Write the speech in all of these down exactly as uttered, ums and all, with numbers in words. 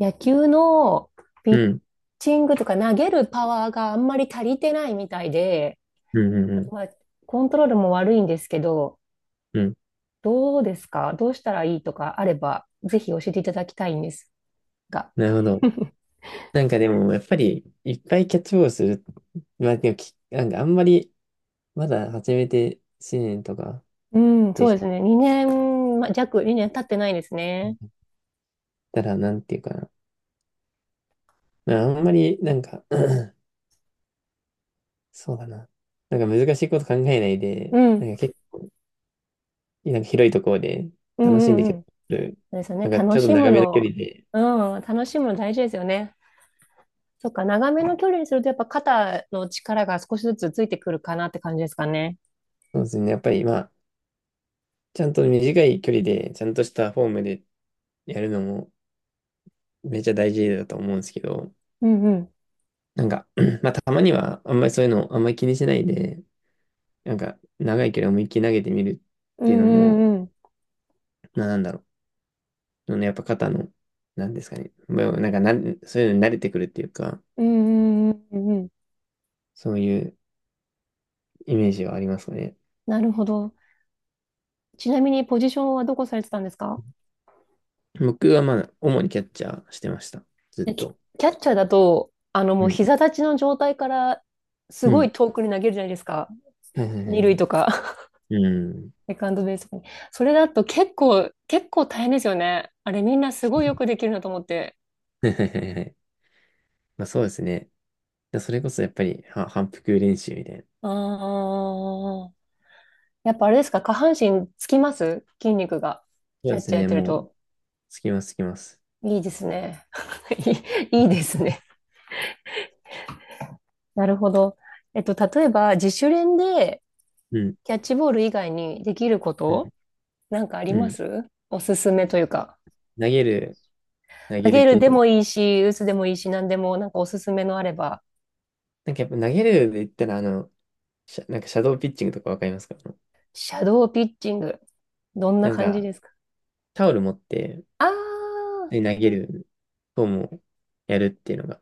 野球のピうッん、チングとか投げるパワーがあんまり足りてないみたいで、うん、うん、うあん。とまあ、コントロールも悪いんですけど、うん、どうですか？どうしたらいいとかあれば、ぜひ教えていただきたいんですが。なるほど。なんかでも、やっぱり、いっぱいキャッチボールする。まあ、でもき、なんかあんまり、まだ始めていちねんとかうん、でそうしですね。にねん、まあ、弱、にねん経ってないですね。たら、なんていうかな。まあ、あんまり、なんか、そうだな。なんか難しいこと考えないで、うん、なんか結構、なんか広いところでうん、楽しんでうキャん、ッうん。チそボール。うですよね。なんか楽ちょっとし長むめの距の、離で、うん、楽しむの大事ですよね。そっか、長めの距離にすると、やっぱ肩の力が少しずつついてくるかなって感じですかね。そうですね。やっぱり、まあ、ちゃんと短い距離で、ちゃんとしたフォームでやるのもめっちゃ大事だと思うんですけど、うんなんか、まあ、たまには、あんまりそういうの、あんまり気にしないで、なんか、長い距離思いっきり投げてみるっうんていうのも、うんうん。まあ、なんだろう。あのやっぱ肩の、なんですかね。まあなんかな、そういうのに慣れてくるっていうか、うんうんうんうんうん。そういうイメージはありますかね。なるほど。ちなみにポジションはどこされてたんですか？僕はまあ、主にキャッチャーしてました。ずっでキ、と。キャッチャーだと、あのもううん。膝立ちの状態からすうごいん。遠くに投げるじゃないですか。はいはいはい二は塁い。とか、うん。セカンドベースとかに。それだと結構、結構大変ですよね。あれみんなすごいよくできるなと思って。はいはいはいはい。まあ、そうですね。それこそやっぱり、は、反復練習みたいな。ああ、やっぱあれですか、下半身つきます、筋肉が。そうキャでッチすャーやっね。てるもう、と。つきます、つきます。いいですね。いい、いいですね。なるほど。えっと、例えば、自主練でうん。キャッチボール以外にできるこうん。となんかありうまん。す？おすすめというか。投げる、投投げげるる系でとか。もいいし、打つでもいいし、何でも、なんかおすすめのあれば。なんかやっぱ投げるで言ったら、あの、シャなんかシャドーピッチングとかわかりますか？シャドーピッチング。どんななん感じか、ですか？タオル持って、あー、で投げる方もやるっていうのが、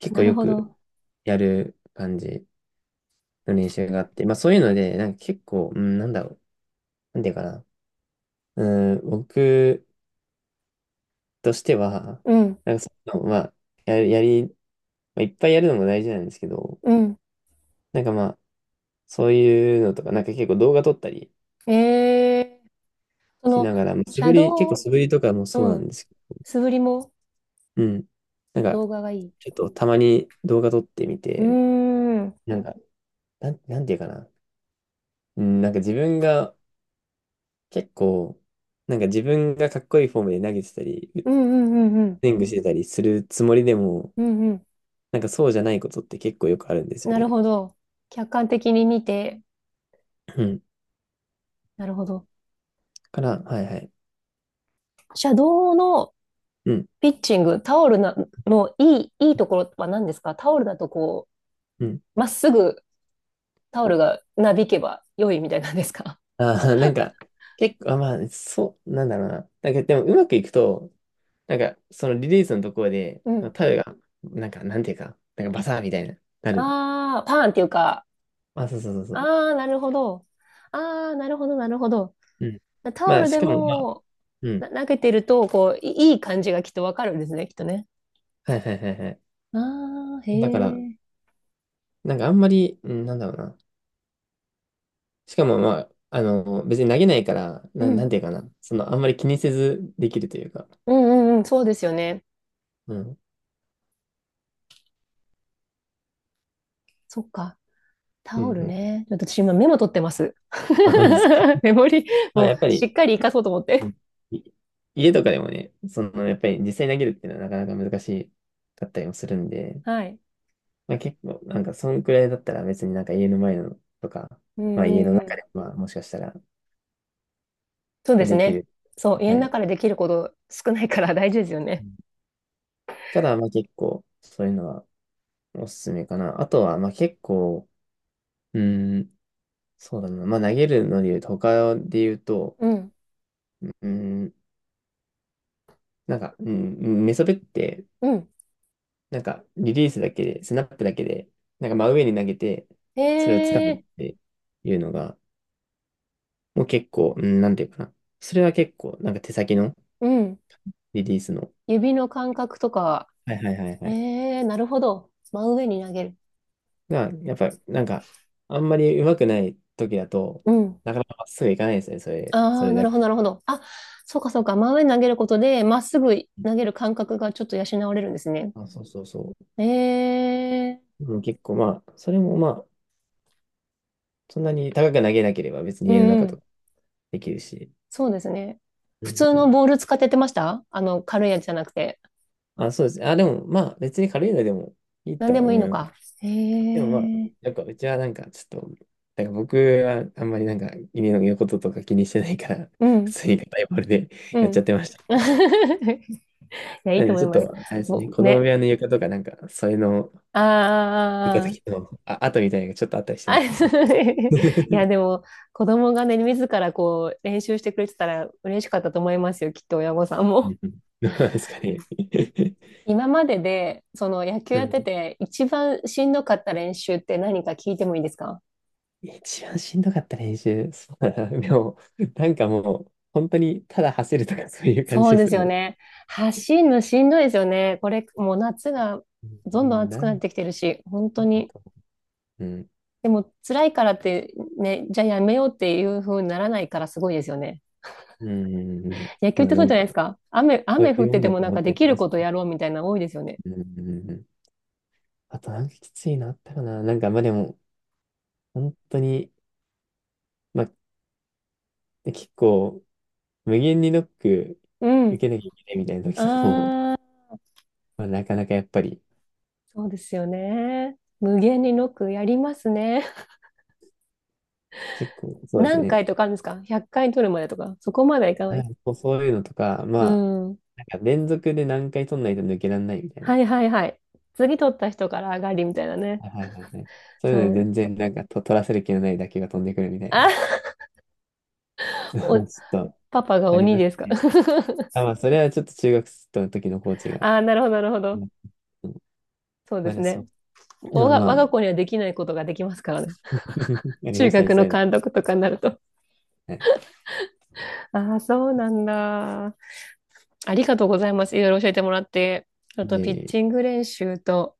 結な構るよほくど。やる感じの練習があって、まあそういうので、なんか結構、うん、なんだろう、なんていうかな。うん、僕としては、うん、なんかそういうの、まあ、やる、やり、まあ、いっぱいやるのも大事なんですけど、うん。なんかまあ、そういうのとか、なんか結構動画撮ったりええ、そしの、ながら、まあ素シ振ャり、結ド構ー、素振りとかもそううなん、んですけど、素振りもうん。なんか、動画がいい。ちょっとたまに動画撮ってみうーて、ん、うんなんか、なん、なんていうかな。うん、なんか自分が結構、なんか自分がかっこいいフォームで投げてたり、うんうんうん、スイングしてたりするつもりでも、うんうん。なんかそうじゃないことって結構よくあるんですよなるね。ほど。客観的に見て、うん。なるほど。だから、はいはい。シャドウのうん。ピッチング、タオルなのいい、いいところは何ですか？タオルだとこうん。う、まっすぐタオルがなびけば良いみたいなんですか？ああ、なんか、結構、あ、まあ、そう、なんだろうな。なんかでもうまくいくと、なんかそのリリースのところで、うん。タウが、なんか、なんていうか、なんかバサーみたいな、なる。ああ、パーンっていうか、あ、そうそうそうそう。ああ、なるほど。ああ、なるほど、なるほど。うん。タオまあ、ルしでかも、まあ、もうん。な投げてると、こう、いいい感じがきっとわかるんですね、きっとね。はいはいはいはい。ああ、へだから、え。なんかあんまり、うん、なんだろうな。しかも、まあ、あの、別に投げないから、うな、なんん。ていうかな。その、あんまり気にせずできるというか。うんうんうん、そうですよね。うん。そっか。うんタオルうん。ね。ちょっと私今メモ取ってます。まあ、本当ですか。メモリ、まあ、もうやっぱしり、っかり活かそうと思って。うん、い家とかでもね、その、やっぱり実際に投げるっていうのはなかなか難しかったりもするんで、はい。まあ、結構、なんか、そんくらいだったら別になんか家の前のとか、うまあ、家んうのんう中ん。で、まあ、もしかしたら、まそうであ、すできね。る。そう、家はのい。中でできること少ないから、 大事ですよね。から、まあ結構、そういうのはおすすめかな。あとは、まあ結構、うーん、そうだな。まあ投げるので言うと、他で言うと、うん。うーん、なんか、うん、メソベって、うん。なんかリリースだけで、スナップだけで、なんか真上に投げて、それを掴むっええ、ていうのが、もう結構、うん、なんていうかな。それは結構、なんか手先のうん。リリースの、指の感覚とか、はいはいはいはえい。え、なるほど。真上に投げる。が、やっぱ、なんか、あんまり上手くない時だと、うん。なかなかまっすぐいかないですね、それ、そああ、れなだるほけ。ど、なるほど。あ、そうか、そうか。真上に投げることで、まっすぐ投げる感覚がちょっと養われるんですね。あ、そうそうそう。ええ、うん、結構まあ、それもまあ、そんなに高く投げなければ別にう家の中とん、かできるし。そうですね。う普ん通うのん。ボール使ってやってました？あの、軽いやつじゃなくて。あ、そうです。あ、でもまあ、別に軽いのでもいい何とではもいい思のいます。か。へでもまあ、え。なんかうちはなんかちょっと、なんか僕はあんまりなんか家のこととか気にしてないから、う 普ん。通に硬いボールでうやっちん。ゃってました。いや、いいなんとで思ちいょっまと、す。あれですね、ぼ子供部ね。屋の床とかなんか、それのあ床だー、けの、あ、跡みたいなのがちょっとあったりしてあ。ますね。いや、でも、子供がね、自らこう、練習してくれてたら嬉しかったと思いますよ。きっと親御さんうも。んうん、どうなんです かね。今までで、その野球うやってん、て、一番しんどかった練習って何か聞いてもいいですか？一番しんどかった練習。そうだな。でも、なんかもう、本当にただ走るとかそういう感じそうでです。すよもね。走るのしんどいですよね。これ、もう夏がう、どんどん暑なくなっんてきてるし、本当だに。と。うん。でも、辛いからって、ね、じゃあやめようっていう風にならないからすごいですよね。うん。野球まっあてなそうんじゃないか、ですか。雨、そ雨う降っいうもてんてだもとなん思っかてでやっきてるましことた。やろうみたいなの多いですよね。うん。あとなんかきついのあったかな。なんかまあでも、本当に、まあ結構、無限にノックう受ん。けなきゃいけないみたいな時とかも、ああ、まあなかなかやっぱり、そうですよね。無限にノックやりますね。結構そうです何ね。回とかあるんですか？ ひゃっかい 回取るまでとか。そこまではいかなはい。い、そう、そういうのとか、まうあ、ん。なんか連続で何回取んないと抜けられないみたいな。はいはいはい。次取った人から上がりみたいなね。はいはいはいはい。そうそいうのでう、全然なんかと取らせる気のない打球が飛んでくるみたいな。あ、ちお、ょっとパパがあり鬼ましたですか？ね。あ、まあそれはちょっと中学生の時のコーチ が。ああ、なるほど、なるほど。うん、そうでますだそね。う。で我もが、ま我あ、が子にはできないことができますからね。あり中ましたね、学そのういうの。監督とかになると。はい。ああ、そうなんだ。ありがとうございます。いろいろ教えてもらって。あと、ピッで、チング練習と、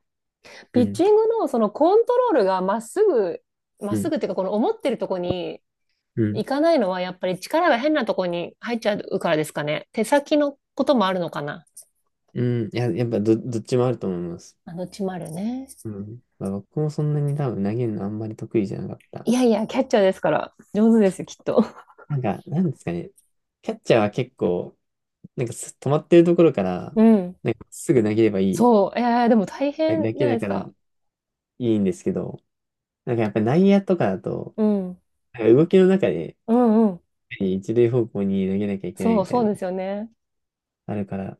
うピッん、チングのそのコントロールがまっすぐ、まっうすん、ぐっていうか、この思ってるとこにうん、行かないのは、やっぱり力が変なとこに入っちゃうからですかね。手先のこともあるのかな。うん。いや、やっぱ、ど、どっちもあると思います。あのちまるね。うん。まあ、僕もそんなに多分投げるのあんまり得意じゃなかった。いやいや、キャッチャーですから、上手ですよ、きっと。なんか、なんですかね。キャッチャーは結構、なんかす止まってるところからうん。すぐ投げればいいそう、えー、でも大だ変だじゃけないだですからか。いいんですけど、なんかやっぱ内野とかだと、うん。なんか動きの中でうんうん。一塁方向に投げなきゃいけないそう、みたいそなうのですよね。あるから、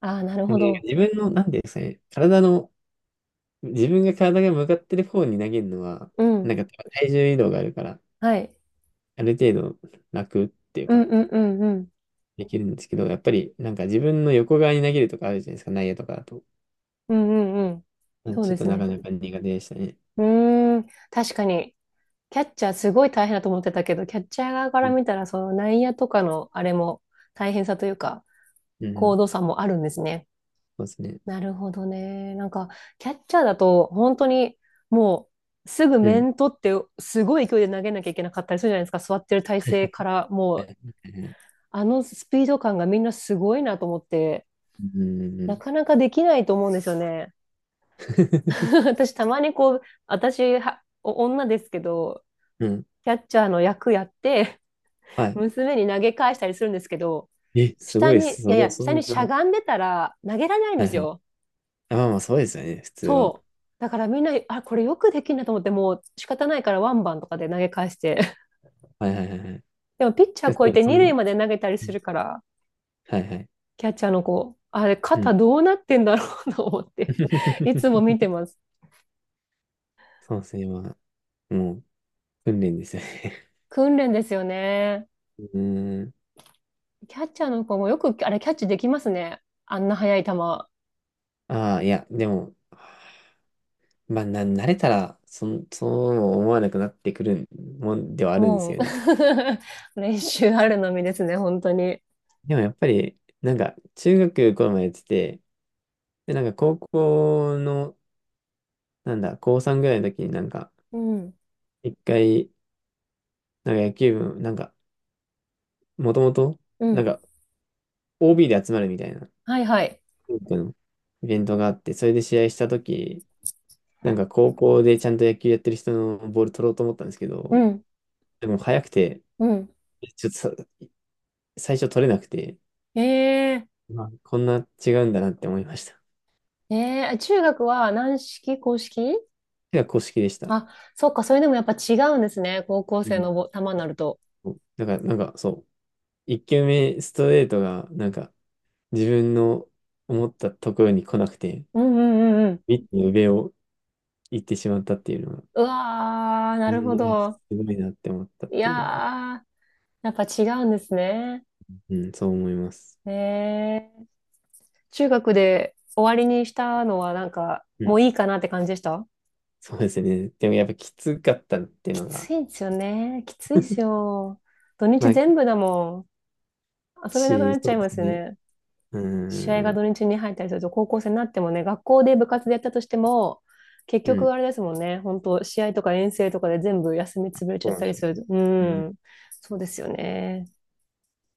ああ、なるでもなほんかど。自分の、なんていうんですかね、体の、自分が体が向かってる方に投げるのは、うん。なんか体重移動があるから、はい。ある程度楽っていううんか、うんうんうん。できるんですけど、やっぱりなんか自分の横側に投げるとかあるじゃないですか、内野とかだと。うんうんうん、うん、そうちょでっとすなかね。なか苦手でしたね。うん。うーん。確かに、キャッチャーすごい大変だと思ってたけど、キャッチャー側かうらん、見たら、その内野とかのあれも大変さというか、うん、高度差もあるんですね。そうですね。なるほどね。なんか、キャッチャーだと、本当に、もう、すぐうん。面取って、すごい勢いで投げなきゃいけなかったりするじゃないですか。座ってる体勢から、もう、うんあのスピード感がみんなすごいなと思って、うんうんうなん。かなかできないと思うんですよね。私、たまにこう、私は、お女ですけど、うん。キャッチャーの役やって、は娘に投げ返したりするんですけど、い。え、すご下いでに、す。いすやいごい。や、そ下にんな。しゃはがんでたら投げられないんいではすい。よ。あ、まあまあ、そうですよね、普通は。そう。だからみんな、あ、これよくできんなと思って、もう仕方ないからワンバンとかで投げ返して。はいはいはいはい。でもピッチャで、ーそ超えうてそ二んな、塁まで投げたりうすん、るから、はいはい。キャッチャーの子、あれ、うん。肩どうなってんだろう と思っていつも見て ます。そうですね、まあ、もう、訓練ですよね。訓練ですよね。うーん。キャッチャーの子もよく、あれ、キャッチできますね。あんな速い球。ああ、いや、でも、まあ、な、慣れたら、そん、そう思わなくなってくるもんではあるんですもう よね。練習あるのみですね、本当に。でもやっぱり、なんか、中学頃までやってて、で、なんか高校の、なんだ、高こうさんぐらいの時になんか、うん、一回、なんか野球部、なんか、もともと、うなんん。か、オービー で集まるみたいなはいはい。京都のイベントがあって、それで試合したとき、なんか高校でちゃんと野球やってる人のボール取ろうと思ったんですけうど、ん、でも速くて、うん。ちょっとさ最初取れなくて、えまあこんな違うんだなって思いました。ー、えー、中学は軟式、硬式？手が公式でした。あ、そっか、それでもやっぱ違うんですね。高校う生ん、のぼ球になると。だから、なんかそう、いっきゅうめ球目ストレートが、なんか自分の思ったところに来なくて、うんうんうんうん。ミットの上を行ってしまったっていうのが、うわー、な別るほにあ、ど。すごいなって思ったっいてやいうのが、ー、やっぱ違うんですね。うん、そう思います。へえ。中学で終わりにしたのはなんか、うもん、ういいかなって感じでした？そうですね。でもやっぱきつかったっていうきのが、ついんですよね。きついっす よ。土日まあ、全部だもん。遊べなくなし、っちそゃいうでますすよね。ね。う試合がーん、土日に入ったりすると、高校生になってもね、学校で部活でやったとしても、結うん、局あれですもんね、本当試合とか遠征とかで全部休み潰れちそゃうっなんたでりすよすね。る、ううんん、そうですよね。